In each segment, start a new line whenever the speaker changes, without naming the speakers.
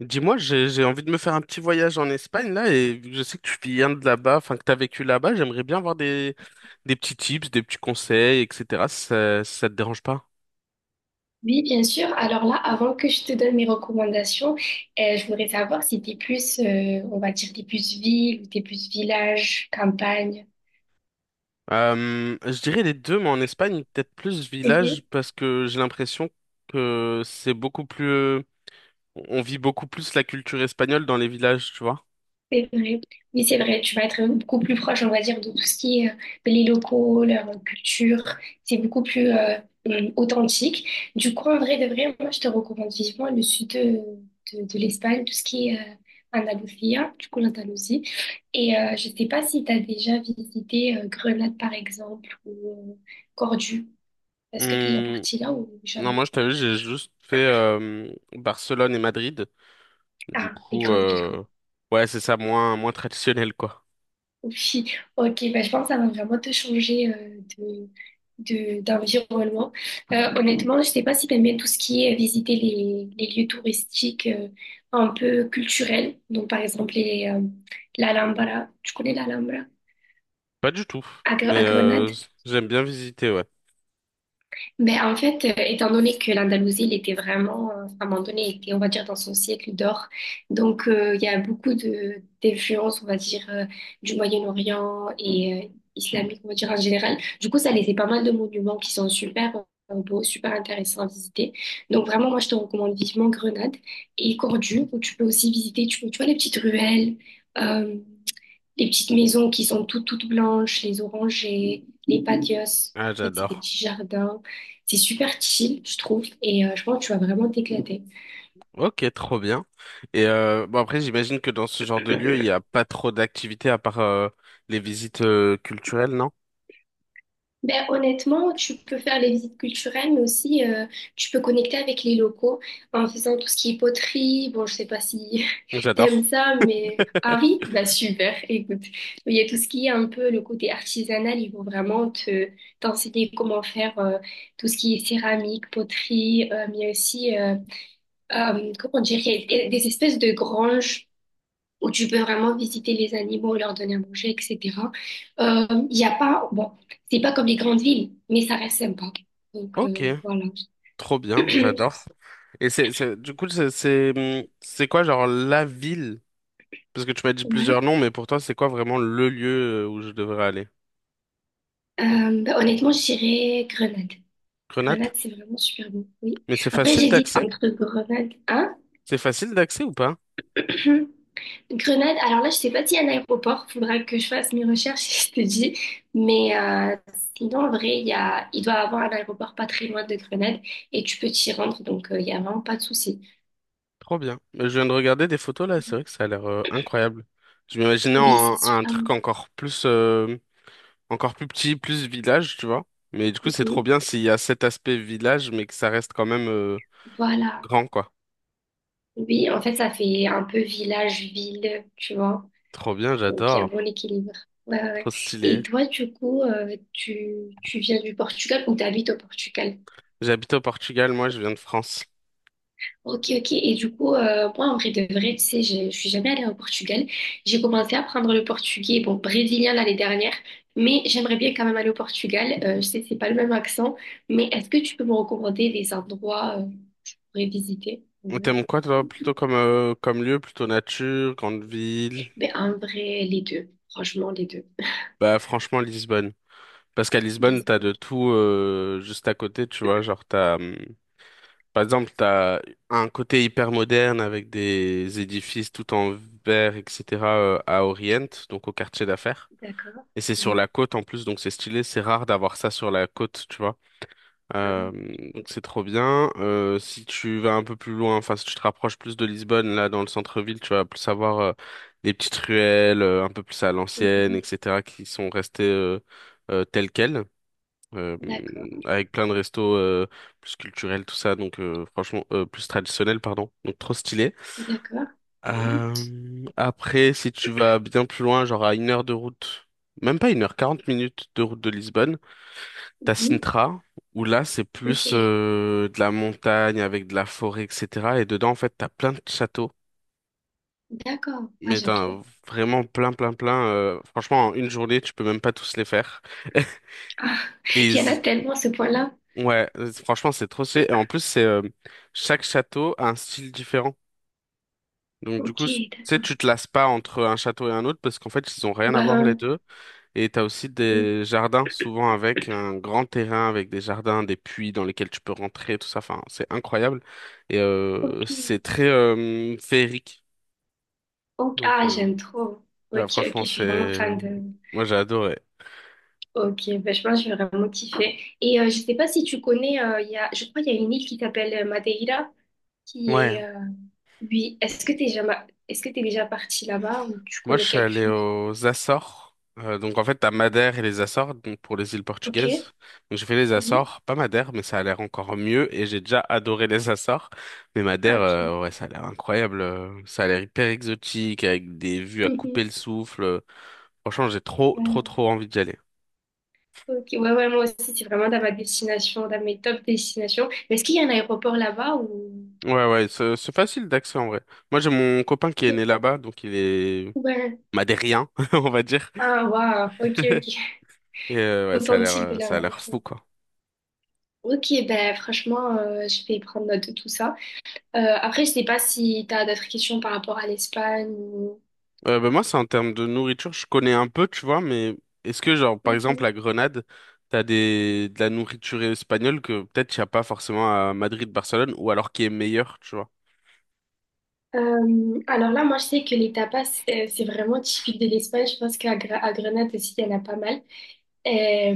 Dis-moi, j'ai envie de me faire un petit voyage en Espagne là et vu que je sais que tu viens de là-bas, enfin que t'as vécu là-bas, j'aimerais bien avoir des petits tips, des petits conseils, etc. Si ça te dérange pas?
Oui, bien sûr. Alors là, avant que je te donne mes recommandations, je voudrais savoir si t'es plus, on va dire, t'es plus ville ou t'es plus village, campagne.
Je dirais les deux, mais en Espagne peut-être plus village parce que j'ai l'impression que c'est beaucoup plus, on vit beaucoup plus la culture espagnole dans les villages, tu vois.
C'est vrai. Oui, c'est vrai. Tu vas être beaucoup plus proche, on va dire, de tout ce qui est les locaux, leur culture. C'est beaucoup plus authentique. Du coup, en vrai de vrai, moi, je te recommande vivement le sud de l'Espagne, tout ce qui est Andalusia, du coup, l'Andalousie. Et je sais pas si tu as déjà visité Grenade, par exemple, ou Cordoue. Est-ce que tu es déjà
Hum,
parti là ou
non, moi
jamais?
je t'avoue, j'ai juste fait Barcelone et Madrid. Du
Ah, les
coup,
grandes villes, quoi.
euh, ouais, c'est ça, moins traditionnel quoi.
Oui, ok, bah, je pense que ça va vraiment te changer d'environnement. Honnêtement, je sais pas si t'aimes bien tout ce qui est visiter les lieux touristiques un peu culturels. Donc, par exemple, l'Alhambra. Tu connais l'Alhambra?
Pas du tout, mais
À Grenade?
j'aime bien visiter, ouais.
Mais en fait, étant donné que l'Andalousie, elle était vraiment, à un moment donné, elle était, on va dire, dans son siècle d'or. Donc, il y a beaucoup de d'influences, on va dire, du Moyen-Orient et islamique, on va dire, en général. Du coup, ça laissait pas mal de monuments qui sont super beaux, super intéressants à visiter. Donc, vraiment, moi, je te recommande vivement Grenade et Cordoue, où tu peux aussi visiter, tu vois, les petites ruelles. euh, les petites maisons qui sont toutes blanches, les orangers, les patios.
Ah,
En fait, c'est des
j'adore.
petits jardins. C'est super chill, je trouve, et je pense que tu vas vraiment t'éclater.
Ok, trop bien. Et bon après, j'imagine que dans ce genre de lieu, il n'y a pas trop d'activités à part les visites culturelles, non?
Ben, honnêtement, tu peux faire les visites culturelles, mais aussi tu peux connecter avec les locaux en faisant tout ce qui est poterie. Bon, je sais pas si
J'adore.
t'aimes ça, mais ah oui, ben super, écoute. Il y a tout ce qui est un peu le côté artisanal, ils vont vraiment te t'enseigner comment faire tout ce qui est céramique, poterie, mais aussi... comment dire, il y a des espèces de granges où tu peux vraiment visiter les animaux, leur donner à manger, etc. Il y a pas, bon, c'est pas comme les grandes villes, mais ça reste sympa. Donc
Ok,
voilà.
trop bien, j'adore. Et c'est, du coup, c'est quoi, genre, la ville? Parce que tu m'as dit
Ouais.
plusieurs noms, mais pour toi, c'est quoi vraiment le lieu où je devrais aller?
Bah, honnêtement, je dirais Grenade. Grenade,
Grenade?
c'est vraiment super bon. Oui.
Mais c'est
Après,
facile
j'hésite
d'accès?
entre Grenade, hein?
C'est facile d'accès ou pas?
Grenade, alors là, je sais pas s'il y a un aéroport, faudra que je fasse mes recherches, je te dis. Mais sinon, en vrai, il doit y avoir un aéroport pas très loin de Grenade et tu peux t'y rendre, donc il y a vraiment pas de souci.
Trop bien. Je viens de regarder des photos là, c'est vrai que ça a l'air incroyable. Je m'imaginais
Oui, c'est
un
super.
truc
Bon.
encore plus petit, plus village, tu vois. Mais du coup, c'est trop
Mhm.
bien s'il y a cet aspect village, mais que ça reste quand même
Voilà.
grand, quoi.
Oui, en fait, ça fait un peu village-ville, tu vois.
Trop bien,
Donc, il y a un bon
j'adore.
équilibre. Ouais, ouais, ouais.
Trop
Et
stylé.
toi, du coup, tu viens du Portugal ou t'habites au Portugal?
J'habite au Portugal, moi, je viens de France.
Ok, ok. Et du coup, moi, en vrai de vrai, tu sais, je suis jamais allée au Portugal. J'ai commencé à apprendre le portugais, bon, brésilien l'année dernière, mais j'aimerais bien quand même aller au Portugal. Je sais que c'est pas le même accent, mais est-ce que tu peux me recommander des endroits pour y visiter? Ouais.
T'aimes quoi, toi, plutôt comme, comme lieu, plutôt nature, grande ville?
Ben, en vrai, les deux. Franchement, les deux.
Bah, franchement, Lisbonne. Parce qu'à Lisbonne, t'as
Lisbonne,
de
ok.
tout juste à côté, tu vois. Genre, t'as. Par exemple, t'as un côté hyper moderne avec des édifices tout en verre, etc. À Orient, donc au quartier d'affaires.
D'accord.
Et c'est sur
Oui.
la côte en plus, donc c'est stylé. C'est rare d'avoir ça sur la côte, tu vois. Euh,
Ah,
donc c'est trop bien. Si tu vas un peu plus loin, enfin si tu te rapproches plus de Lisbonne, là dans le centre-ville, tu vas plus avoir des petites ruelles un peu plus à l'ancienne,
mhm.
etc. qui sont restées telles quelles euh,
D'accord.
avec plein de restos plus culturels, tout ça, donc franchement, plus traditionnels, pardon, donc trop stylé.
D'accord. Oui.
Après, si tu vas bien plus loin, genre à 1 heure de route, même pas une heure, 40 minutes de route de Lisbonne, t'as
Mhm.
Sintra, où là, c'est plus
Ok.
de la montagne avec de la forêt, etc. Et dedans, en fait, t'as plein de châteaux.
D'accord. Ah,
Mais
j'aime
t'as
trop.
vraiment plein, plein, plein. Franchement, en 1 journée, tu peux même pas tous les faire.
Ah,
Et
il y en
ils
a tellement ce point-là.
Ouais, franchement, c'est trop stylé. Et en plus, c'est chaque château a un style différent. Donc, du
Ok.
coup, tu sais, tu te lasses pas entre un château et un autre parce qu'en fait, ils ont rien à
Bah,
voir les deux. Et t'as aussi des jardins, souvent avec un grand terrain, avec des jardins, des puits dans lesquels tu peux rentrer, tout ça. Enfin, c'est incroyable. Et
ok.
c'est très féerique.
Ok,
Donc,
ah,
euh,
j'aime trop.
là,
Ok, ok, je
franchement,
suis vraiment
c'est...
fan de.
Moi, j'ai adoré.
Ok, bah, je pense que je vais vraiment kiffer. Et je sais pas si tu connais, je crois qu'il y a une île qui s'appelle Madeira, qui est.
Ouais.
Oui, est-ce que t'es jamais... est-ce que t'es déjà parti là-bas ou tu
Moi, je
connais
suis
quelque
allé
chose?
aux Açores. Donc, en fait, t'as Madère et les Açores, donc pour les îles
Ok,
portugaises. Donc, j'ai fait les
oui.
Açores, pas Madère, mais ça a l'air encore mieux. Et j'ai déjà adoré les Açores. Mais
Ah,
Madère,
ok.
ouais, ça a l'air incroyable. Ça a l'air hyper exotique, avec des vues à
Mhm.
couper le souffle. Franchement, j'ai trop,
Ouais,
trop, trop envie d'y aller.
ok, ouais, ouais, moi aussi, c'est vraiment dans ma destination, dans mes top destinations. Mais est-ce qu'il y a un aéroport là-bas ou.
Ouais, ouais, c'est facile d'accès en vrai. Moi, j'ai mon copain qui est né
Ok.
là-bas, donc il est
Ouais.
madérien, on va dire.
Ah, waouh, ok, ok.
Et ouais,
Authentique de la...
ça a l'air
Ok.
fou, quoi.
Ok, ben franchement, je vais prendre note de tout ça. Après, je sais pas si tu as d'autres questions par rapport à l'Espagne ou...
Moi, c'est en termes de nourriture, je connais un peu, tu vois, mais est-ce que, genre, par exemple,
Mhm.
à Grenade, t'as des... de la nourriture espagnole que peut-être il n'y a pas forcément à Madrid, Barcelone, ou alors qui est meilleure, tu vois?
Alors là, moi, je sais que les tapas, c'est vraiment typique de l'Espagne. Je pense à Grenade aussi, il y en a pas mal. Euh,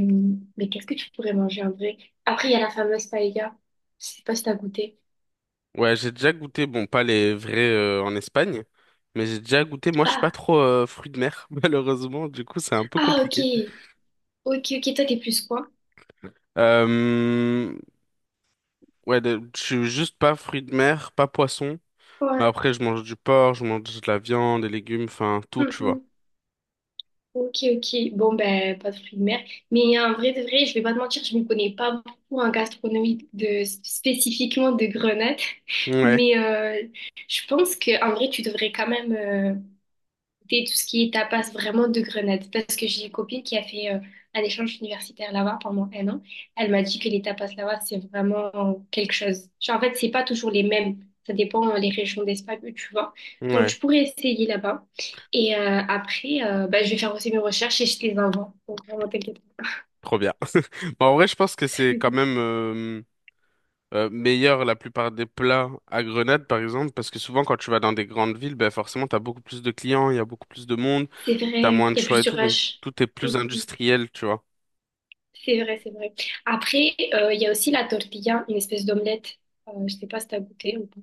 mais qu'est-ce que tu pourrais manger en vrai? Après, il y a la fameuse paella. Je sais pas si t'as goûté.
Ouais, j'ai déjà goûté, bon, pas les vrais en Espagne, mais j'ai déjà goûté, moi, je suis pas
Ah,
trop fruit de mer, malheureusement, du coup, c'est un peu
ah, ok.
compliqué.
Ok, ok, toi, t'es plus quoi?
Euh... Ouais, je suis juste pas fruits de mer, pas poisson, mais
Ouais.
après, je mange du porc, je mange de la viande, des légumes, enfin, tout, tu vois.
Ok, ok. Bon, ben, pas de fruits de mer. Mais en vrai de vrai, je vais pas te mentir, je ne connais pas beaucoup en gastronomie de, spécifiquement de Grenade.
Ouais,
Mais je pense que en vrai, tu devrais quand même goûter tout ce qui est tapas vraiment de Grenade. Parce que j'ai une copine qui a fait un échange universitaire là-bas pendant un an. Elle m'a dit que les tapas là-bas, c'est vraiment quelque chose. Genre, en fait, c'est pas toujours les mêmes. Ça dépend les régions d'Espagne où tu vas. Donc,
ouais.
tu pourrais essayer là-bas. Et bah, je vais faire aussi mes recherches et je te les envoie. Donc, vraiment, t'inquiète.
Trop bien. Bon, en vrai, je pense que c'est quand même meilleur la plupart des plats à Grenade, par exemple, parce que souvent quand tu vas dans des grandes villes, ben forcément, t'as beaucoup plus de clients, il y a beaucoup plus de monde,
C'est
t'as
vrai,
moins
il
de
y a
choix
plus
et
de
tout, donc
rush.
tout est plus
Mhm.
industriel, tu vois.
C'est vrai, c'est vrai. Après, il y a aussi la tortilla, une espèce d'omelette. Je sais pas si t'as goûté ou pas.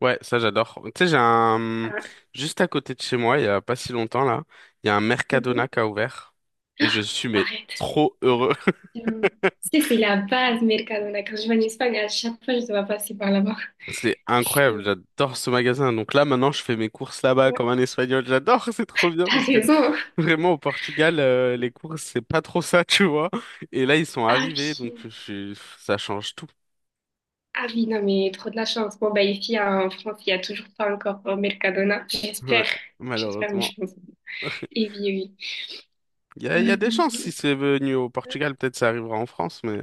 Ouais, ça j'adore. Tu sais, j'ai un...
Ah,
Juste à côté de chez moi, il y a pas si longtemps là, il y a un Mercadona
mhm.
qui a ouvert et je suis mais
Arrête.
trop heureux.
Hum. Tu sais, c'est la base, Mercadona. Quand je vais en Espagne, à chaque fois, je dois passer par là-bas.
C'est
Et,
incroyable, j'adore ce magasin. Donc là, maintenant, je fais mes courses là-bas
ouais,
comme un Espagnol. J'adore, c'est trop bien
t'as
parce que
raison.
vraiment au Portugal, les courses, c'est pas trop ça, tu vois. Et là, ils sont
Ah
arrivés,
oui.
ça change tout.
Ah oui, non, mais trop de la chance. Bon, bah, ici, en France, il n'y a toujours pas encore Mercadona.
Ouais,
J'espère. J'espère, mais
malheureusement.
je pense. Et oui, eh
Il y a des chances si
oui.
c'est venu au
Euh,
Portugal, peut-être ça arrivera en France, mais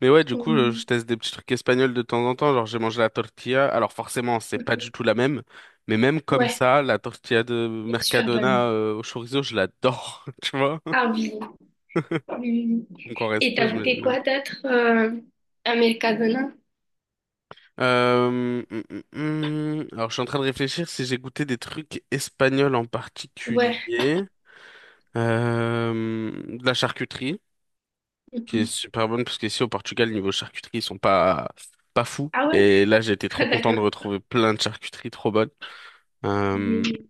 mais ouais, je
ouais.
teste des petits trucs espagnols de temps en temps. Genre, j'ai mangé la tortilla. Alors forcément, c'est pas du tout la même. Mais même comme
Ouais,
ça, la tortilla de
elle est super bonne.
Mercadona au chorizo, je l'adore, tu vois.
Ah oui. Hum.
Donc en
Et
resto,
t'as goûté
j'imagine même
quoi
pas.
d'autre à Mercadona?
Euh, hum, hum, Alors je suis en train de réfléchir si j'ai goûté des trucs espagnols en
Ouais.
particulier. Euh, de la charcuterie, qui est
Mhm.
super bonne, parce qu'ici au Portugal, niveau charcuterie, ils sont pas, pas fous.
Ah ouais?
Et là, j'ai été trop content de
D'accord.
retrouver plein de charcuteries trop bonnes. Euh,
Oui.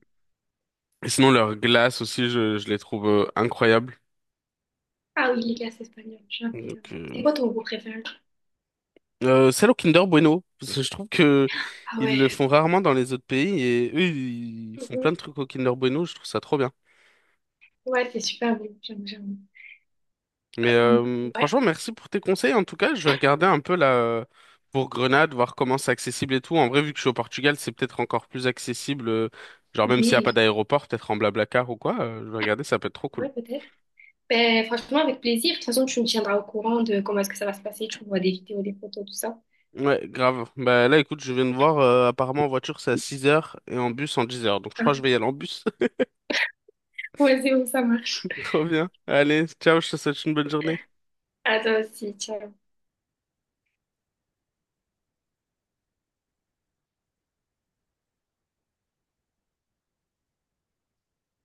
et sinon, leurs glaces aussi, je les trouve incroyables.
Ah oui, les glaces espagnoles, j'aime bien.
Donc,
C'est
euh,
quoi ton goût préféré?
Celle au Kinder Bueno, parce que je trouve que
Ah
ils
ouais.
le font rarement dans les autres pays et eux ils font plein de
Mhm.
trucs au Kinder Bueno, je trouve ça trop bien.
Ouais, c'est super bon, j'aime, j'aime.
Mais
Euh, ouais,
franchement, merci pour tes conseils. En tout cas, je vais regarder un peu là pour Grenade, voir comment c'est accessible et tout. En vrai, vu que je suis au Portugal, c'est peut-être encore plus accessible. Genre même s'il n'y a
oui,
pas d'aéroport, peut-être en Blablacar ou quoi. Je vais regarder, ça peut être trop cool.
ouais, peut-être. Ben, franchement, avec plaisir. De toute façon, tu me tiendras au courant de comment est-ce que ça va se passer. Tu vois des vidéos, des photos, tout ça.
Ouais, grave. Bah là, écoute, je viens de voir. Apparemment, en voiture c'est à 6 heures et en bus en 10 heures. Donc je crois que je
Hein.
vais y aller en bus.
Ouais, c'est où ça marche.
Trop bien. Allez, ciao. Je te souhaite une bonne journée.
À toi aussi, ciao.